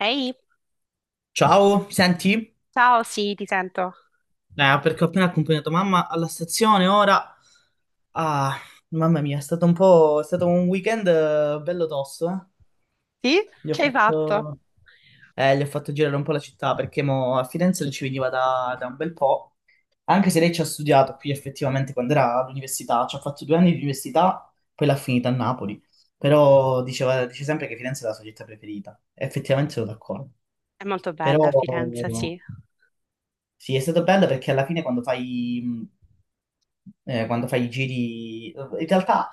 Ehi, Ciao, mi senti? ciao, sì, ti sento. Perché ho appena accompagnato mamma alla stazione, ora... Ah, mamma mia, è stato un po'... è stato un weekend bello tosto, eh. Sì? Gli ho Che hai fatto? fatto... gli ho fatto girare un po' la città, perché mo a Firenze non ci veniva da un bel po', anche se lei ci ha studiato qui effettivamente quando era all'università, ci ha fatto 2 anni di università, poi l'ha finita a Napoli, però diceva, dice sempre che Firenze è la sua città preferita, effettivamente sono d'accordo, È molto però... bella Firenze, sì. Sì, è stato bello perché alla fine quando fai i giri, in realtà,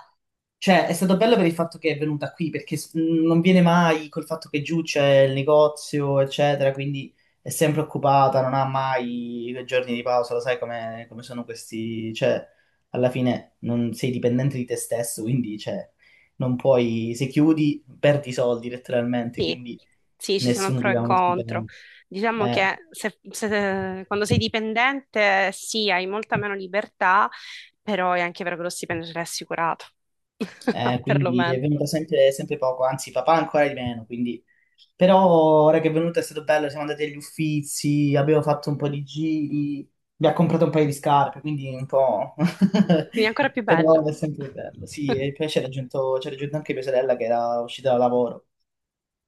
cioè, è stato bello per il fatto che è venuta qui, perché non viene mai col fatto che giù c'è il negozio, eccetera, quindi è sempre occupata, non ha mai i giorni di pausa, lo sai come sono questi, cioè, alla fine non sei dipendente di te stesso, quindi, cioè, non puoi, se chiudi, perdi i soldi letteralmente, Sì, quindi sì, ci sono nessuno pro ti e dà uno contro. stipendio. Diciamo Eh. che quando sei dipendente, sì, hai molta meno libertà, però è anche vero che lo stipendio te l'hai assicurato, Quindi è perlomeno. venuta sempre poco, anzi papà ancora di meno, quindi... Però ora che è venuta è stato bello, siamo andati agli Uffizi, abbiamo fatto un po' di giri, mi ha comprato un paio di scarpe, quindi un po'... Quindi è ancora più Però bello. è sempre bello, sì, e poi ci ha raggiunto anche mia sorella che era uscita da lavoro.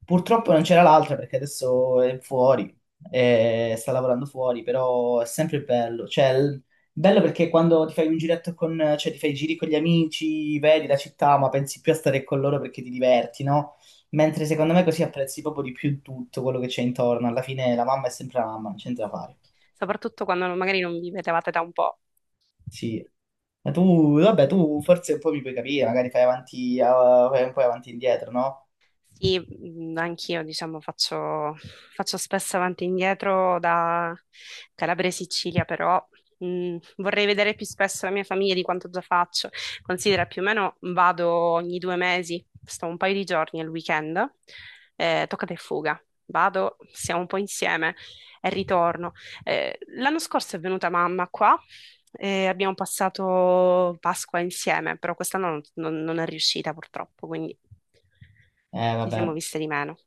Purtroppo non c'era l'altra perché adesso è fuori, sta lavorando fuori, però è sempre bello. Cioè, bello perché quando ti fai un giretto con, cioè ti fai i giri con gli amici, vedi la città, ma pensi più a stare con loro perché ti diverti, no? Mentre secondo me così apprezzi proprio di più tutto quello che c'è intorno. Alla fine la mamma è sempre la mamma, non c'entra da fare. Soprattutto quando magari non vi vedevate da un po'. Sì. Ma tu, vabbè, tu forse un po' mi puoi capire, magari fai avanti, fai un po' avanti e indietro, no? Sì, anch'io faccio spesso avanti e indietro da Calabria e Sicilia, però vorrei vedere più spesso la mia famiglia di quanto già faccio. Considera più o meno vado ogni due mesi, sto un paio di giorni al weekend, toccata e fuga. Vado, siamo un po' insieme e ritorno. L'anno scorso è venuta mamma qua e abbiamo passato Pasqua insieme, però quest'anno non è riuscita purtroppo, quindi ci siamo Vabbè. viste di meno.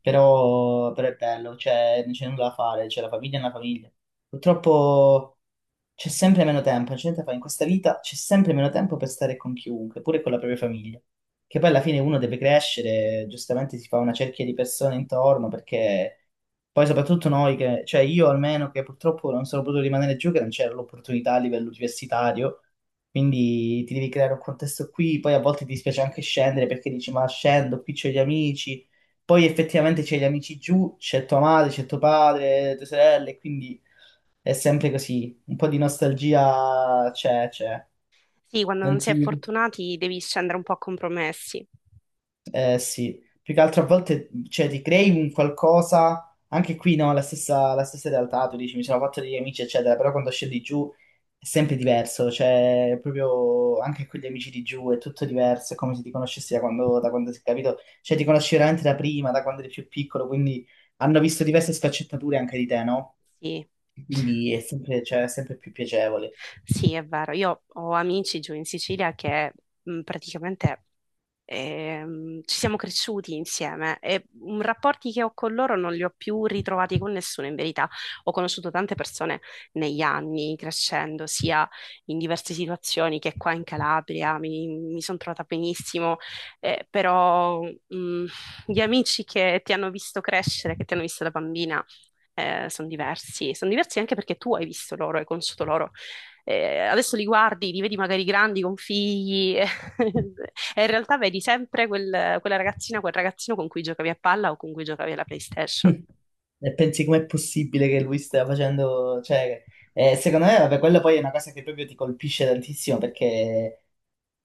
Però, però è bello, cioè, non c'è nulla da fare, cioè, la famiglia è una famiglia. Purtroppo, c'è sempre meno tempo, non c'è niente da fare. In questa vita c'è sempre meno tempo per stare con chiunque, pure con la propria famiglia. Che poi alla fine uno deve crescere, giustamente si fa una cerchia di persone intorno, perché poi soprattutto noi che, cioè io almeno che purtroppo non sono potuto rimanere giù, che non c'era l'opportunità a livello universitario, quindi ti devi creare un contesto qui, poi a volte ti dispiace anche scendere perché dici ma scendo, qui c'ho gli amici, poi effettivamente c'è gli amici giù, c'è tua madre, c'è tuo padre, tue sorelle, quindi... È sempre così, un po' di nostalgia c'è. Sì, quando non Non si è ti... fortunati devi scendere un po' a compromessi. Eh sì, più che altro a volte cioè, ti crei un qualcosa, anche qui no, la stessa realtà, tu dici mi sono fatto degli amici eccetera, però quando scendi giù è sempre diverso, cioè proprio anche con gli amici di giù è tutto diverso, è come se ti conoscessi da quando sei capito, cioè ti conosci veramente da prima, da quando eri più piccolo, quindi hanno visto diverse sfaccettature anche di te, no? Sì. Quindi è sempre, cioè, è sempre più piacevole. Sì, è vero. Io ho amici giù in Sicilia che praticamente ci siamo cresciuti insieme e, rapporti che ho con loro non li ho più ritrovati con nessuno in verità. Ho conosciuto tante persone negli anni, crescendo, sia in diverse situazioni che qua in Calabria, mi sono trovata benissimo, però gli amici che ti hanno visto crescere, che ti hanno visto da bambina, sono diversi anche perché tu hai visto loro, hai conosciuto loro, adesso li guardi, li vedi magari grandi con figli, e in realtà vedi sempre quella ragazzina, quel ragazzino con cui giocavi a palla o con cui giocavi alla PlayStation. E pensi com'è possibile che lui stia facendo, cioè, secondo me, vabbè, quella poi è una cosa che proprio ti colpisce tantissimo perché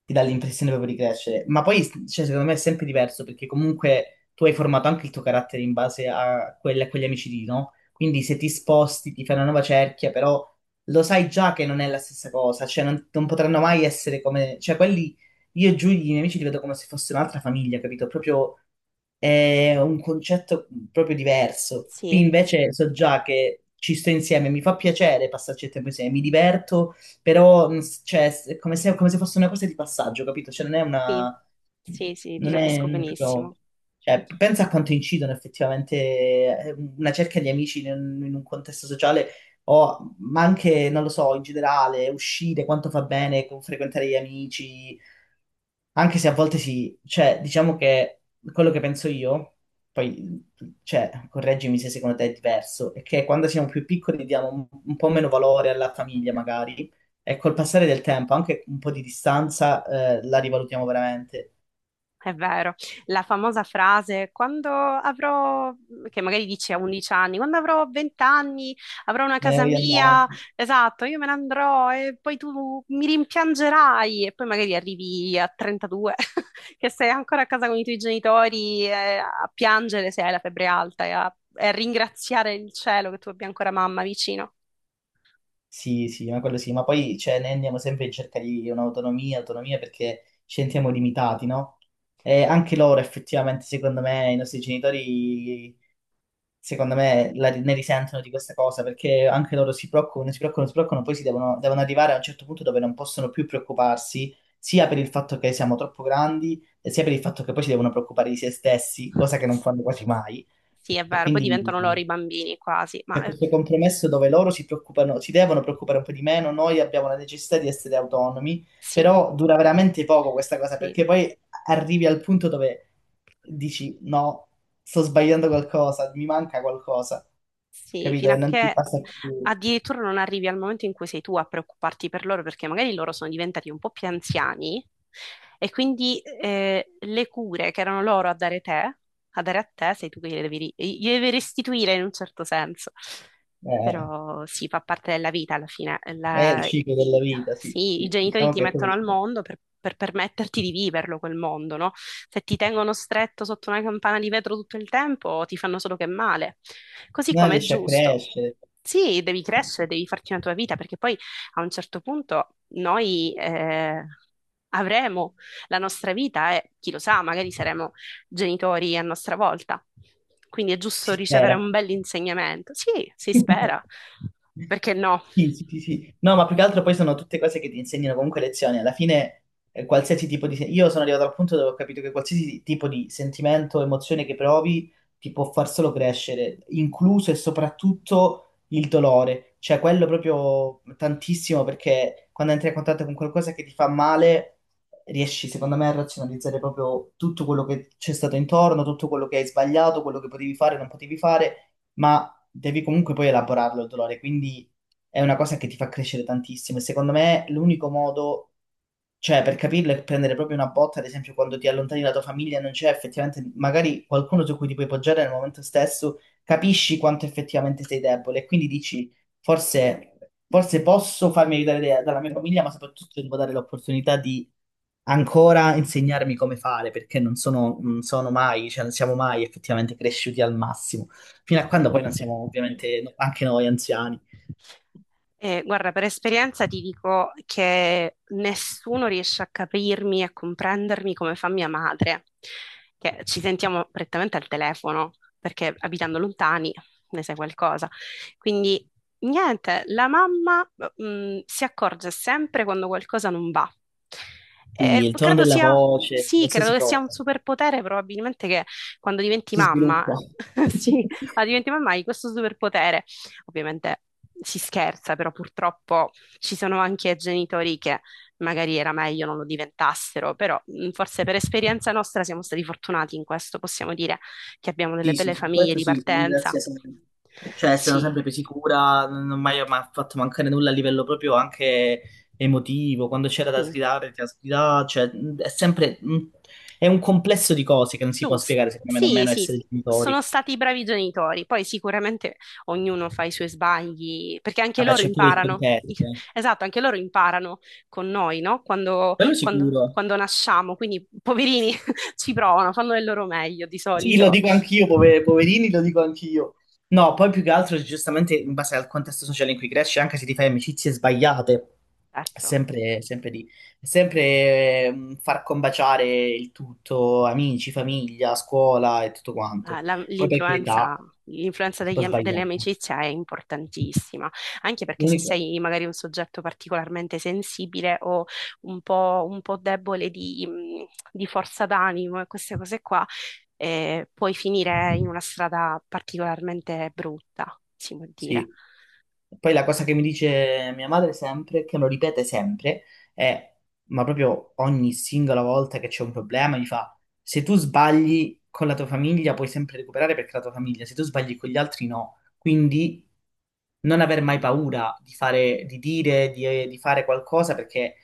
ti dà l'impressione proprio di crescere. Ma poi, cioè, secondo me è sempre diverso perché comunque tu hai formato anche il tuo carattere in base a, a quegli amici lì, no? Quindi se ti sposti, ti fai una nuova cerchia, però lo sai già che non è la stessa cosa, cioè non potranno mai essere come... Cioè quelli, io e Giulia, i miei amici, li vedo come se fosse un'altra famiglia, capito? Proprio è un concetto proprio diverso. Qui Sì, invece so già che ci sto insieme, mi fa piacere passarci il tempo insieme, mi diverto però cioè, è come se fosse una cosa di passaggio, capito? Cioè, non è sì, una... sì, sì, ti non è capisco benissimo. proprio- cioè, pensa a quanto incidono effettivamente una cerca di amici in un contesto sociale, o, ma anche, non lo so, in generale, uscire, quanto fa bene frequentare gli amici, anche se a volte sì, cioè, diciamo che quello che penso io, poi, cioè, correggimi se secondo te è diverso, è che quando siamo più piccoli diamo un po' meno valore alla famiglia, magari, e col passare del tempo, anche un po' di distanza, la rivalutiamo veramente. È vero, la famosa frase quando avrò, che magari dici a 11 anni, quando avrò 20 anni avrò una Me ne casa voglio andare. mia, esatto, io me ne andrò e poi tu mi rimpiangerai e poi magari arrivi a 32 che sei ancora a casa con i tuoi genitori, a piangere se hai la febbre alta e a ringraziare il cielo che tu abbia ancora mamma vicino. Sì, sì, ma quello sì, ma poi, cioè, ne andiamo sempre in cerca di un'autonomia, autonomia perché ci sentiamo limitati, no? E anche loro, effettivamente, secondo me, i nostri genitori. Secondo me, ne risentono di questa cosa perché anche loro si preoccupano, si preoccupano, si preoccupano, poi devono arrivare a un certo punto dove non possono più preoccuparsi, sia per il fatto che siamo troppo grandi, e sia per il fatto che poi si devono preoccupare di se stessi, cosa che non fanno quasi mai. Sì, è E vero, poi quindi diventano loro i bambini quasi, ma c'è questo compromesso dove loro si preoccupano, si devono preoccupare un po' di meno, noi abbiamo la necessità di essere autonomi, sì, però dura veramente poco questa cosa sì. perché poi arrivi al punto dove dici no, sto sbagliando qualcosa, mi manca qualcosa Sì, capito? fino E a non ti che passa più, addirittura non arrivi al momento in cui sei tu a preoccuparti per loro, perché magari loro sono diventati un po' più anziani e quindi le cure che erano loro a dare te a dare a te, sei tu che gliele devi, gliele devi restituire in un certo senso. eh, Però sì, fa parte della vita alla fine. è il ciclo della i, vita, sì, sì, i sì. genitori Diciamo ti che è mettono proprio il al ciclo. mondo per permetterti di viverlo quel mondo, no? Se ti tengono stretto sotto una campana di vetro tutto il tempo, ti fanno solo che male. Così Non come è riesci a giusto. crescere, Sì, devi eh sì, crescere, devi farti una tua vita, perché poi a un certo punto noi, avremo la nostra vita e chi lo sa, magari saremo genitori a nostra volta. Quindi è giusto si ricevere un spera. bell'insegnamento. Sì, si spera. Perché no? Sì, sì, sì, sì. No, ma più che altro poi sono tutte cose che ti insegnano comunque lezioni. Alla fine, qualsiasi tipo di... Io sono arrivato al punto dove ho capito che qualsiasi tipo di sentimento, emozione che provi ti può far solo crescere, incluso e soprattutto il dolore. Cioè, quello proprio tantissimo, perché quando entri a contatto con qualcosa che ti fa male, riesci, secondo me, a razionalizzare proprio tutto quello che c'è stato intorno, tutto quello che hai sbagliato, quello che potevi fare, non potevi fare. Ma devi comunque poi elaborarlo il dolore, quindi è una cosa che ti fa crescere tantissimo. E secondo me l'unico modo, cioè per capirlo, è prendere proprio una botta, ad esempio quando ti allontani dalla tua famiglia e non c'è effettivamente magari qualcuno su cui ti puoi poggiare nel momento stesso, capisci quanto effettivamente sei debole e quindi dici forse, forse posso farmi aiutare dalla mia famiglia, ma soprattutto devo dare l'opportunità di ancora insegnarmi come fare, perché non sono mai, cioè non siamo mai effettivamente cresciuti al massimo fino a No. quando poi non siamo ovviamente anche noi anziani. Guarda, per esperienza ti dico che nessuno riesce a capirmi e a comprendermi come fa mia madre, che ci sentiamo prettamente al telefono, perché abitando lontani ne sai qualcosa. Quindi, niente, la mamma, si accorge sempre quando qualcosa non va. Quindi E il tono credo della sia, voce, sì, credo qualsiasi che sia un cosa. superpotere, probabilmente, che quando diventi Si mamma, sviluppa. sì, ah, diventi mamma hai questo superpotere. Ovviamente si scherza, però purtroppo ci sono anche genitori che magari era meglio non lo diventassero, però forse per esperienza nostra siamo stati fortunati in questo, possiamo dire che abbiamo delle Sì, sì, belle su famiglie questo di sì, ti partenza. ringrazio sempre. Cioè, sono Sì, sempre più sicura, non ho mai fatto mancare nulla a livello proprio anche emotivo. Quando c'era da sì. sgridare, ti ha sgridato. Cioè, è sempre... è un complesso di cose che non si può Giusto, spiegare, secondo me, sì, nemmeno sì, essere sono genitori. stati bravi genitori, poi sicuramente ognuno fa i suoi sbagli, perché anche Vabbè, loro c'è pure il imparano, contesto. Eh. esatto, anche loro imparano con noi, no? Quello sicuro. Quando nasciamo, quindi poverini ci provano, fanno del loro meglio di Sì, lo solito. dico anch'io, poverini, lo dico anch'io. No, poi più che altro, giustamente, in base al contesto sociale in cui cresci, anche se ti fai amicizie sbagliate, è Certo. sempre lì. È sempre far combaciare il tutto, amici, famiglia, scuola e tutto Ah, quanto. Poi per l'influenza, carità, l'influenza si può delle sbagliare. amicizie è importantissima, anche perché se L'unico, sei magari un soggetto particolarmente sensibile o un po' debole di forza d'animo e queste cose qua, puoi finire in una strada particolarmente brutta, si può dire. sì. Poi la cosa che mi dice mia madre sempre, che lo ripete sempre, è, ma proprio ogni singola volta che c'è un problema, mi fa, se tu sbagli con la tua famiglia puoi sempre recuperare perché è la tua famiglia, se tu sbagli con gli altri no. Quindi non aver mai paura di fare, di dire, di fare qualcosa perché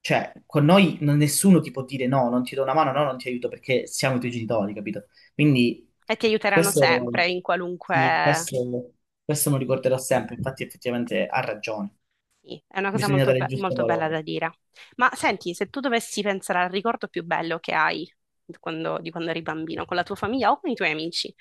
cioè, con noi nessuno ti può dire no, non ti do una mano, no, non ti aiuto perché siamo i tuoi genitori, capito? Quindi E ti aiuteranno sempre questo, in sì, qualunque. Questo me lo ricorderò sempre, infatti effettivamente ha ragione, Sì, è una cosa bisogna molto, dare il giusto molto bella da valore. dire. Ma senti, se tu dovessi pensare al ricordo più bello che hai quando, di quando eri bambino, con la tua famiglia o con i tuoi amici,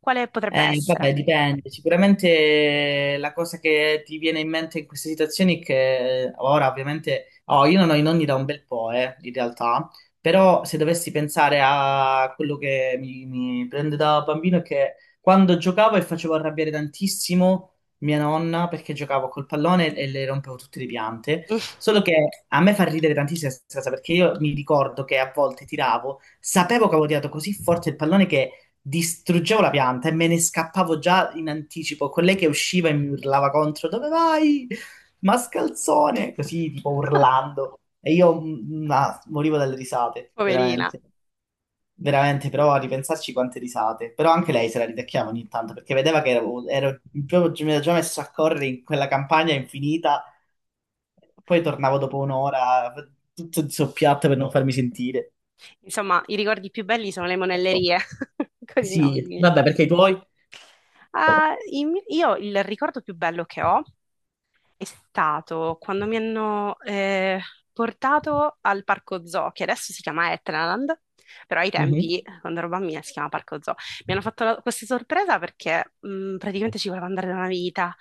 quale potrebbe essere? Vabbè, dipende. Sicuramente la cosa che ti viene in mente in queste situazioni è che ora ovviamente... Oh, io non ho i nonni da un bel po', in realtà, Sì. però se dovessi pensare a quello che mi prende da bambino è che quando giocavo e facevo arrabbiare tantissimo mia nonna perché giocavo col pallone e le rompevo tutte le piante, solo che a me fa ridere tantissimo questa cosa perché io mi ricordo che a volte tiravo, sapevo che avevo tirato così forte il pallone che distruggevo la pianta e me ne scappavo già in anticipo con lei che usciva e mi urlava contro dove vai? Mascalzone! Così tipo urlando e io morivo dalle risate, Poverina. veramente. Veramente, però a ripensarci quante risate. Però anche lei se la ridacchiava ogni tanto perché vedeva che ero proprio, mi ero già messo a correre in quella campagna infinita. Poi tornavo dopo 1 ora tutto zoppiato per non farmi sentire. Insomma, i ricordi più belli sono le monellerie con i Sì, nonni. vabbè, perché i tuoi? Ah, io il ricordo più bello che ho è stato quando mi hanno, portato al parco zoo, che adesso si chiama Etnaland, però ai Mhm. tempi, quando ero bambina, si chiamava parco zoo. Mi hanno fatto questa sorpresa perché, praticamente ci volevo andare da una vita.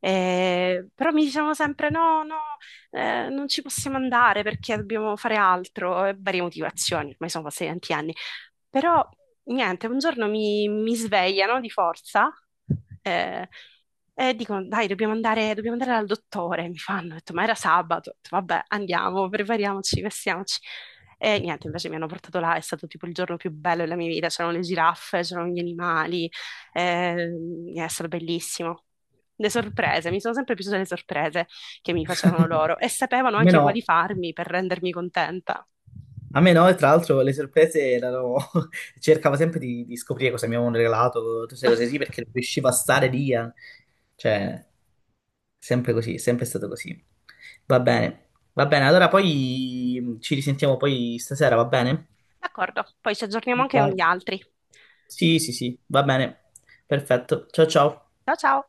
Però mi dicevano sempre: no, no, non ci possiamo andare perché dobbiamo fare altro, e varie motivazioni, ormai sono passati tanti anni. Però niente, un giorno mi svegliano di forza, eh, e dicono: Dai, dobbiamo andare dal dottore. Mi fanno, ho detto, ma era sabato. Ho detto, vabbè, andiamo, prepariamoci, vestiamoci. E niente, invece mi hanno portato là, è stato tipo il giorno più bello della mia vita. C'erano le giraffe, c'erano gli animali, eh, è stato bellissimo. Le sorprese, mi sono sempre piaciute le sorprese che mi facevano loro e sapevano A me anche no, quali farmi per rendermi contenta. a me no, e tra l'altro le sorprese erano... cercavo sempre di scoprire cosa mi avevano regalato, tutte queste cose sì, perché non riuscivo a stare lì. Cioè, sempre così, sempre stato così. Va bene, va bene, allora poi ci risentiamo poi stasera, va bene? D'accordo, poi ci aggiorniamo anche con Vai. gli altri. Sì, sì, sì, va bene. Perfetto. Ciao ciao. Ciao ciao!